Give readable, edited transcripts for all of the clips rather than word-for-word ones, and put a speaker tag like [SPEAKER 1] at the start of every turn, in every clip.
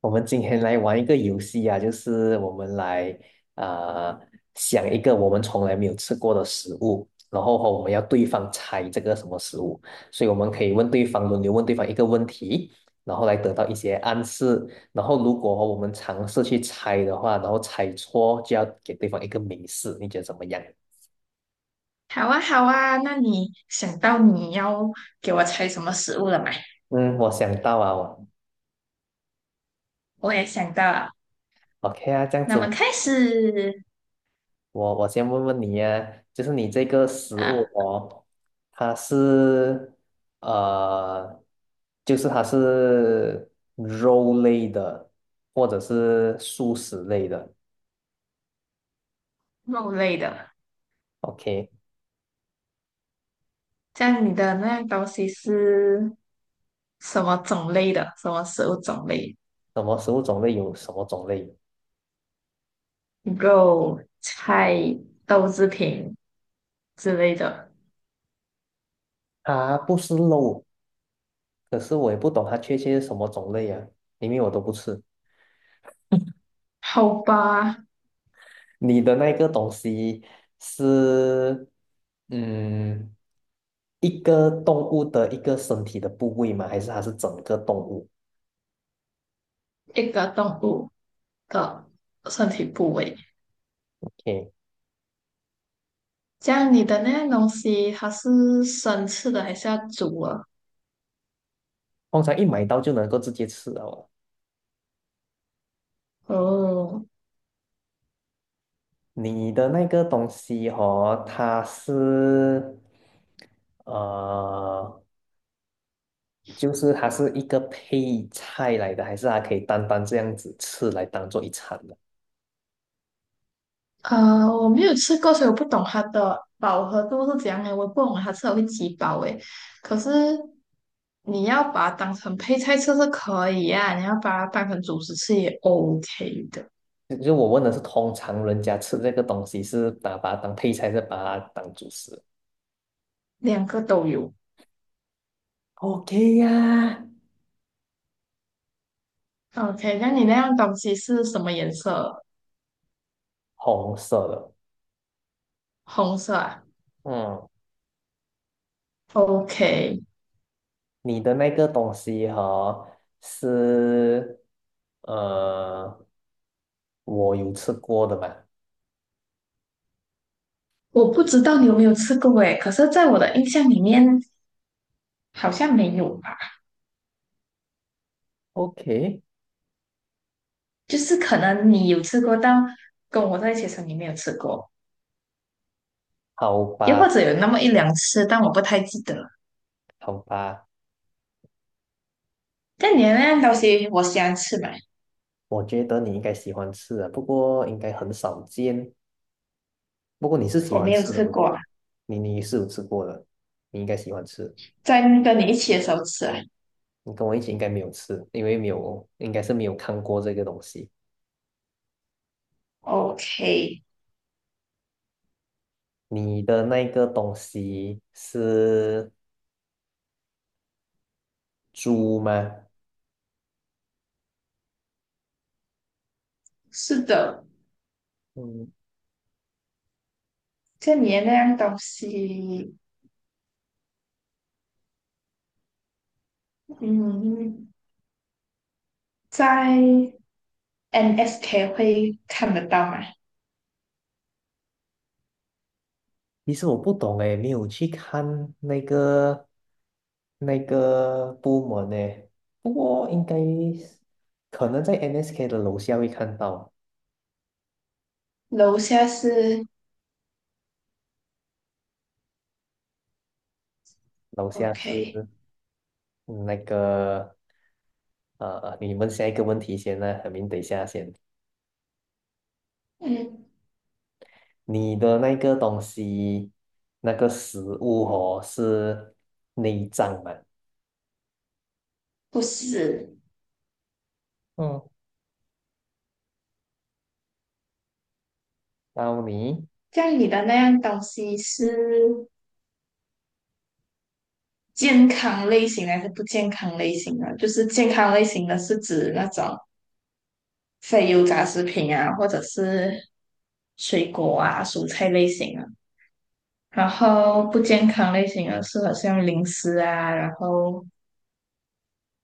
[SPEAKER 1] 我们今天来玩一个游戏啊，就是我们来啊、呃想一个我们从来没有吃过的食物，然后和我们要对方猜这个什么食物，所以我们可以问对方轮流问对方一个问题，然后来得到一些暗示，然后如果我们尝试去猜的话，然后猜错就要给对方一个明示，你觉得怎么样？
[SPEAKER 2] 好啊，好啊，那你想到你要给我猜什么食物了吗？
[SPEAKER 1] 嗯，我想到啊，我
[SPEAKER 2] 我也想到了，
[SPEAKER 1] OK 啊，这样子
[SPEAKER 2] 那么
[SPEAKER 1] 我。
[SPEAKER 2] 开始
[SPEAKER 1] 我先问问你呀、就是你这个食
[SPEAKER 2] 啊，
[SPEAKER 1] 物哦，它是呃，就是它是肉类的，或者是素食类的
[SPEAKER 2] 肉类的。
[SPEAKER 1] ，OK？
[SPEAKER 2] 这样你的那样东西是什么种类的？什么食物种类？
[SPEAKER 1] 什么食物种类有什么种类？
[SPEAKER 2] 肉、菜、豆制品之类的。
[SPEAKER 1] 它不是肉，可是我也不懂它确切是什么种类呀、因为我都不吃。
[SPEAKER 2] 好吧，
[SPEAKER 1] 你的那个东西是，嗯，一个动物的一个身体的部位吗？还是它是整个动物
[SPEAKER 2] 一个动物的身体部位。
[SPEAKER 1] ？OK，
[SPEAKER 2] 这样你的那样东西，它是生吃的还是要煮啊？
[SPEAKER 1] 通常一买到就能够直接吃了哦。
[SPEAKER 2] 哦。
[SPEAKER 1] 你的那个东西哦，它是，呃，就是它是一个配菜来的，还是它可以单单这样子吃来当做一餐的？
[SPEAKER 2] 我没有吃过，所以我不懂它的饱和度是怎样的。我不懂它吃了会几饱诶。可是你要把它当成配菜吃是可以啊，你要把它当成主食吃也 OK 的，
[SPEAKER 1] 就我问的是，通常人家吃这个东西是把它当配菜，还是把它当主食？
[SPEAKER 2] 两个都有。
[SPEAKER 1] OK 呀，
[SPEAKER 2] OK，那你那样东西是什么颜色？
[SPEAKER 1] 红色的。
[SPEAKER 2] 红色啊
[SPEAKER 1] 嗯，
[SPEAKER 2] ？OK，
[SPEAKER 1] 你的那个东西哈是呃，我有吃过的嘛
[SPEAKER 2] 我不知道你有没有吃过诶，可是在我的印象里面好像没有吧，
[SPEAKER 1] ？OK，
[SPEAKER 2] 就是可能你有吃过，但跟我在一起的时候你没有吃过。
[SPEAKER 1] 好
[SPEAKER 2] 又或
[SPEAKER 1] 吧，
[SPEAKER 2] 者有那么一两次，但我不太记得。
[SPEAKER 1] 好吧，
[SPEAKER 2] 但你的那样东西，我喜欢吃嘛，
[SPEAKER 1] 我觉得你应该喜欢吃的，不过应该很少见。不过你是喜
[SPEAKER 2] 我
[SPEAKER 1] 欢
[SPEAKER 2] 没有
[SPEAKER 1] 吃的，
[SPEAKER 2] 吃
[SPEAKER 1] 我
[SPEAKER 2] 过啊，
[SPEAKER 1] 你是有吃过的，你应该喜欢吃。
[SPEAKER 2] 在跟你一起的时候吃啊。
[SPEAKER 1] 你跟我一起应该没有吃，因为没有，应该是没有看过这个东西。
[SPEAKER 2] OK，
[SPEAKER 1] 你的那个东西是猪吗？
[SPEAKER 2] 是的，
[SPEAKER 1] 嗯，
[SPEAKER 2] 这你的那样东西，嗯，在 NSK 会看得到吗？
[SPEAKER 1] 其实我不懂诶，没有去看那个部门诶，不过应该是可能在 NSK 的楼下会看到，
[SPEAKER 2] 楼下是
[SPEAKER 1] 楼下
[SPEAKER 2] OK，
[SPEAKER 1] 是嗯那个你问下一个问题先呢，海明，等一下先，
[SPEAKER 2] 嗯，
[SPEAKER 1] 你的那个东西那个食物哦是内脏嘛，
[SPEAKER 2] 不是。
[SPEAKER 1] 嗯，到你
[SPEAKER 2] 这样你的那样东西是健康类型还是不健康类型的？就是健康类型的是指那种非油炸食品啊，或者是水果啊、蔬菜类型啊。然后不健康类型的是好像零食啊，然后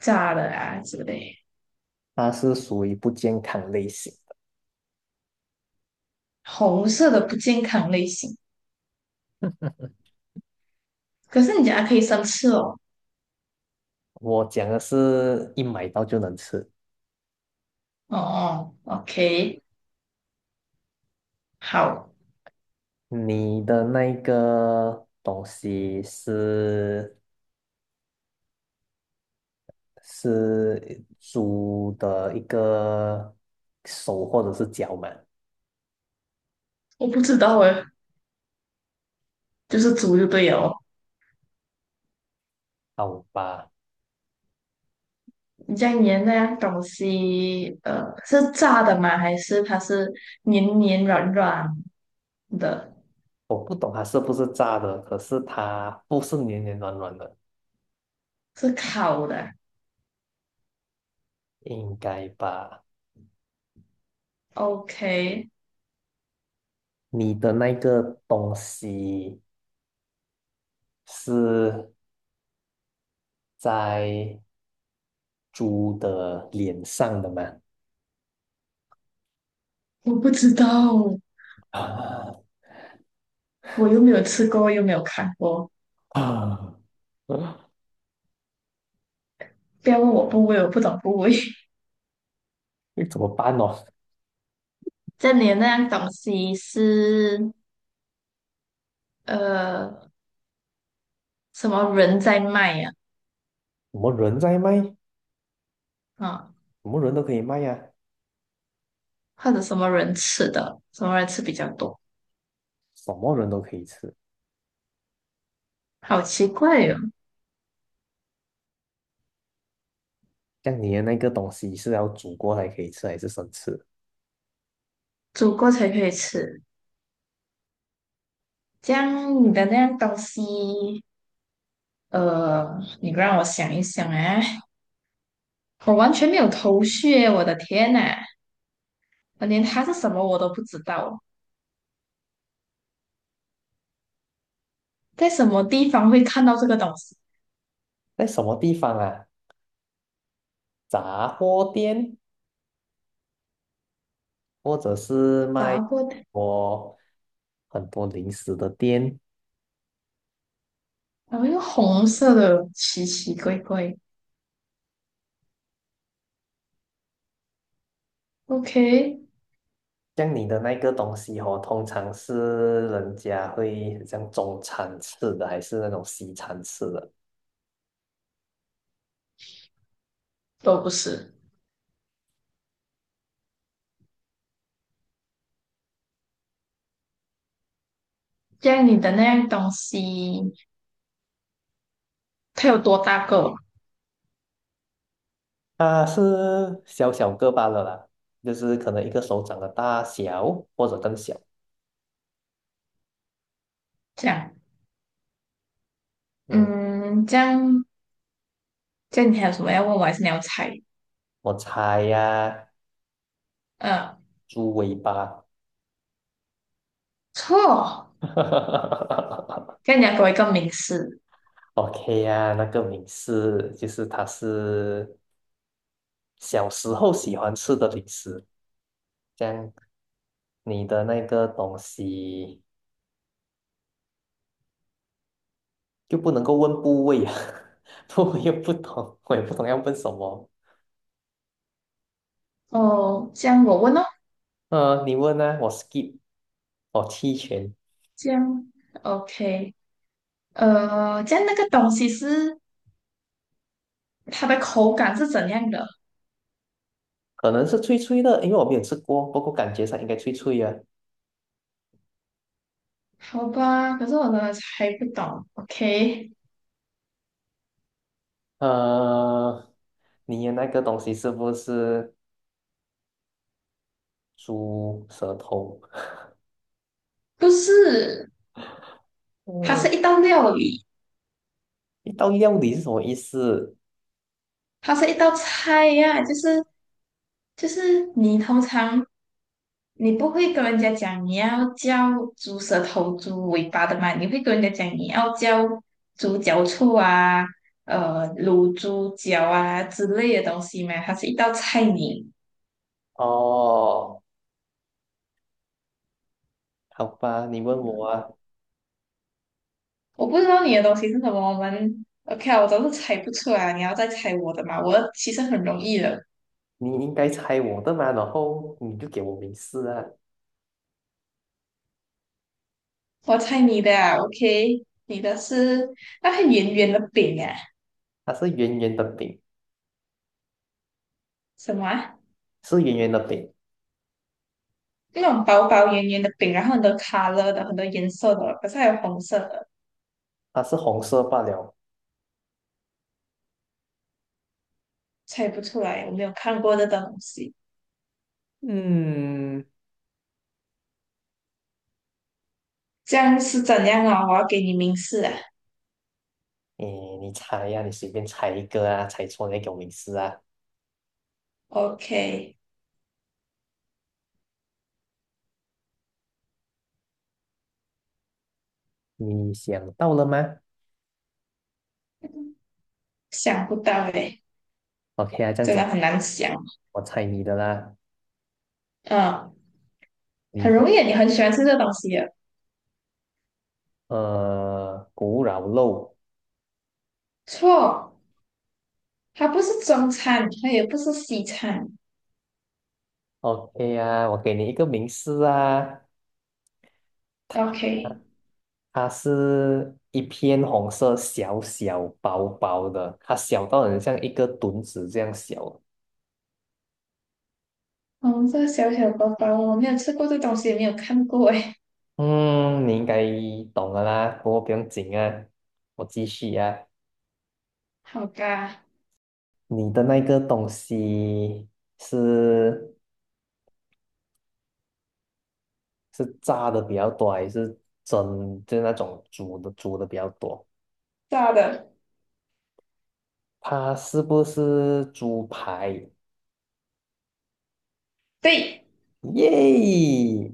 [SPEAKER 2] 炸的啊之类。
[SPEAKER 1] 它是属于不健康类型
[SPEAKER 2] 红色的不健康类型，
[SPEAKER 1] 的，
[SPEAKER 2] 可是你讲它可以生吃哦。
[SPEAKER 1] 我讲的是一买到就能吃。
[SPEAKER 2] 哦哦，OK，好，
[SPEAKER 1] 你的那个东西是猪的一个手或者是脚嘛？
[SPEAKER 2] 我不知道诶，就是煮就对了哦。
[SPEAKER 1] 好吧，
[SPEAKER 2] 你这样粘那样东西，是炸的吗？还是它是黏黏软软的？
[SPEAKER 1] 我不懂它是不是炸的，可是它不是黏黏软软的，
[SPEAKER 2] 是烤的
[SPEAKER 1] 应该吧？
[SPEAKER 2] ？OK，
[SPEAKER 1] 你的那个东西是在猪的脸上的吗？
[SPEAKER 2] 我不知道，
[SPEAKER 1] 啊
[SPEAKER 2] 我又没有吃过，又没有看过。
[SPEAKER 1] 啊！
[SPEAKER 2] 不要问我部位，我不懂部位。
[SPEAKER 1] 那怎么办哦？
[SPEAKER 2] 这里的那样东西是呃什么人在卖呀、
[SPEAKER 1] 我们人在卖，
[SPEAKER 2] 啊？啊
[SPEAKER 1] 我们人都可以卖呀、
[SPEAKER 2] 或者什么人吃的？什么人吃比较多？
[SPEAKER 1] 什么人都可以吃。
[SPEAKER 2] 好奇怪哟、哦，
[SPEAKER 1] 像你的那个东西是要煮过才可以吃，还是生吃？
[SPEAKER 2] 煮过才可以吃。这样你的那样东西，你让我想一想啊，我完全没有头绪耶，我的天呐，我连它是什么我都不知道，在什么地方会看到这个东西？
[SPEAKER 1] 在什么地方啊？杂货店，或者是
[SPEAKER 2] 炸
[SPEAKER 1] 卖
[SPEAKER 2] 过的。
[SPEAKER 1] 我很多零食的店。
[SPEAKER 2] 然后一个红色的奇奇怪怪，OK，
[SPEAKER 1] 像你的那个东西哦，通常是人家会很像中餐吃的，还是那种西餐吃的？
[SPEAKER 2] 都不是。这样你的那样东西，它有多大个？
[SPEAKER 1] 它是小小个罢了啦，就是可能一个手掌的大小，或者更小。
[SPEAKER 2] 这样，
[SPEAKER 1] 嗯，
[SPEAKER 2] 嗯，这样，这样你还有什么要问我，还是你要猜？
[SPEAKER 1] 我猜呀、
[SPEAKER 2] 呃，
[SPEAKER 1] 猪尾巴。
[SPEAKER 2] 错，这样你要给我一个名词。
[SPEAKER 1] OK 啊，那个美式就是它是小时候喜欢吃的零食，这样你的那个东西就不能够问部位啊，不，我也不懂，我也不懂要问什么。
[SPEAKER 2] 哦，这样我问哦，
[SPEAKER 1] 你问呢、我 skip，我弃权，
[SPEAKER 2] 这样，OK，这样那个东西是它的口感是怎样的？
[SPEAKER 1] 可能是脆脆的，因为我没有吃过，不过感觉上应该脆脆啊。
[SPEAKER 2] 好吧，可是我真的猜不懂。OK，
[SPEAKER 1] 呃，你的那个东西是不是猪舌头？
[SPEAKER 2] 不是，它
[SPEAKER 1] 呃，
[SPEAKER 2] 是一道料理。
[SPEAKER 1] 一道料理是什么意思？
[SPEAKER 2] 它是一道菜呀、就是你通常你不会跟人家讲你要叫猪舌头、猪尾巴的嘛，你会跟人家讲你要叫猪脚醋啊、卤猪脚啊之类的东西嘛，它是一道菜名。
[SPEAKER 1] 哦，好吧，你问我啊，
[SPEAKER 2] 我不知道你的东西是什么，我们 OK 啊，我都是猜不出来啊，你要再猜我的嘛，我的其实很容易的，
[SPEAKER 1] 你应该猜我的嘛，然后你就给我明示啊。
[SPEAKER 2] 我猜你的啊，OK，你的是那个圆圆的饼啊，
[SPEAKER 1] 它是圆圆的饼，
[SPEAKER 2] 什么啊？
[SPEAKER 1] 是圆圆的饼，
[SPEAKER 2] 那种薄薄圆圆的饼，然后很多 color 的，很多颜色的，可是还有红色的，
[SPEAKER 1] 它是红色罢了。
[SPEAKER 2] 猜不出来，我没有看过这种东西。
[SPEAKER 1] 嗯，
[SPEAKER 2] 这样是怎样啊？我要给你明示啊。
[SPEAKER 1] 诶，你猜呀、你随便猜一个啊，猜错你再给我明示啊。
[SPEAKER 2] OK，
[SPEAKER 1] 你想到了吗
[SPEAKER 2] 想不到诶，
[SPEAKER 1] ？OK 啊，这样
[SPEAKER 2] 真
[SPEAKER 1] 子
[SPEAKER 2] 的很难想。
[SPEAKER 1] 我猜你的啦，
[SPEAKER 2] 嗯，
[SPEAKER 1] 你
[SPEAKER 2] 很
[SPEAKER 1] 的
[SPEAKER 2] 容易啊你很喜欢吃这东西的。
[SPEAKER 1] 呃古老肉。
[SPEAKER 2] 错，它不是中餐，它也不是西餐。
[SPEAKER 1] OK 啊，我给你一个明示啊，
[SPEAKER 2] OK，
[SPEAKER 1] 它是一片红色，小小薄薄的，它小到很像一个墩子这样小。
[SPEAKER 2] 红色小小包包，我没有吃过这东西，也没有看过诶。
[SPEAKER 1] 嗯，你应该懂了啦，不过不用紧啊，我继续啊。
[SPEAKER 2] 好吧，
[SPEAKER 1] 你的那个东西是是炸的比较多，还是蒸，就是那种煮的比较多？
[SPEAKER 2] 炸的，
[SPEAKER 1] 它是不是猪排？
[SPEAKER 2] 对。
[SPEAKER 1] 耶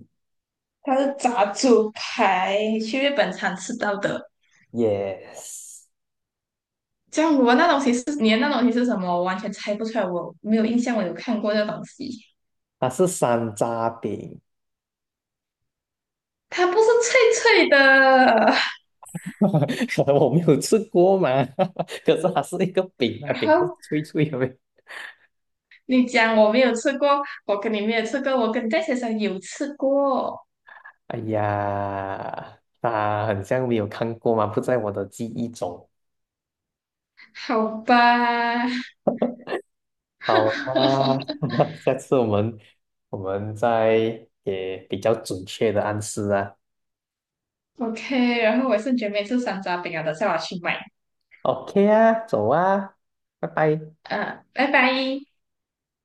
[SPEAKER 2] 它是炸猪排，去日本常吃到的。
[SPEAKER 1] ，yes，
[SPEAKER 2] 这样我那东西是你的那东西是什么？我完全猜不出来，我没有印象，我有看过这东西。
[SPEAKER 1] 它是山楂饼。
[SPEAKER 2] 它不是脆脆的。
[SPEAKER 1] 我没有吃过嘛，可是它是一个饼 啊，
[SPEAKER 2] 然
[SPEAKER 1] 饼是
[SPEAKER 2] 后
[SPEAKER 1] 脆脆的呗。
[SPEAKER 2] 你讲我没有吃过，我跟你没有吃过，我跟戴先生有吃过，
[SPEAKER 1] 哎呀，啊很像没有看过嘛，不在我的记忆中。
[SPEAKER 2] 好吧
[SPEAKER 1] 好啊，下次我们再也比较准确的暗示啊。
[SPEAKER 2] ？OK，然后我是绝备吃山楂饼啊，等下我去买。
[SPEAKER 1] OK 啊，走啊，拜拜。
[SPEAKER 2] 嗯，拜拜。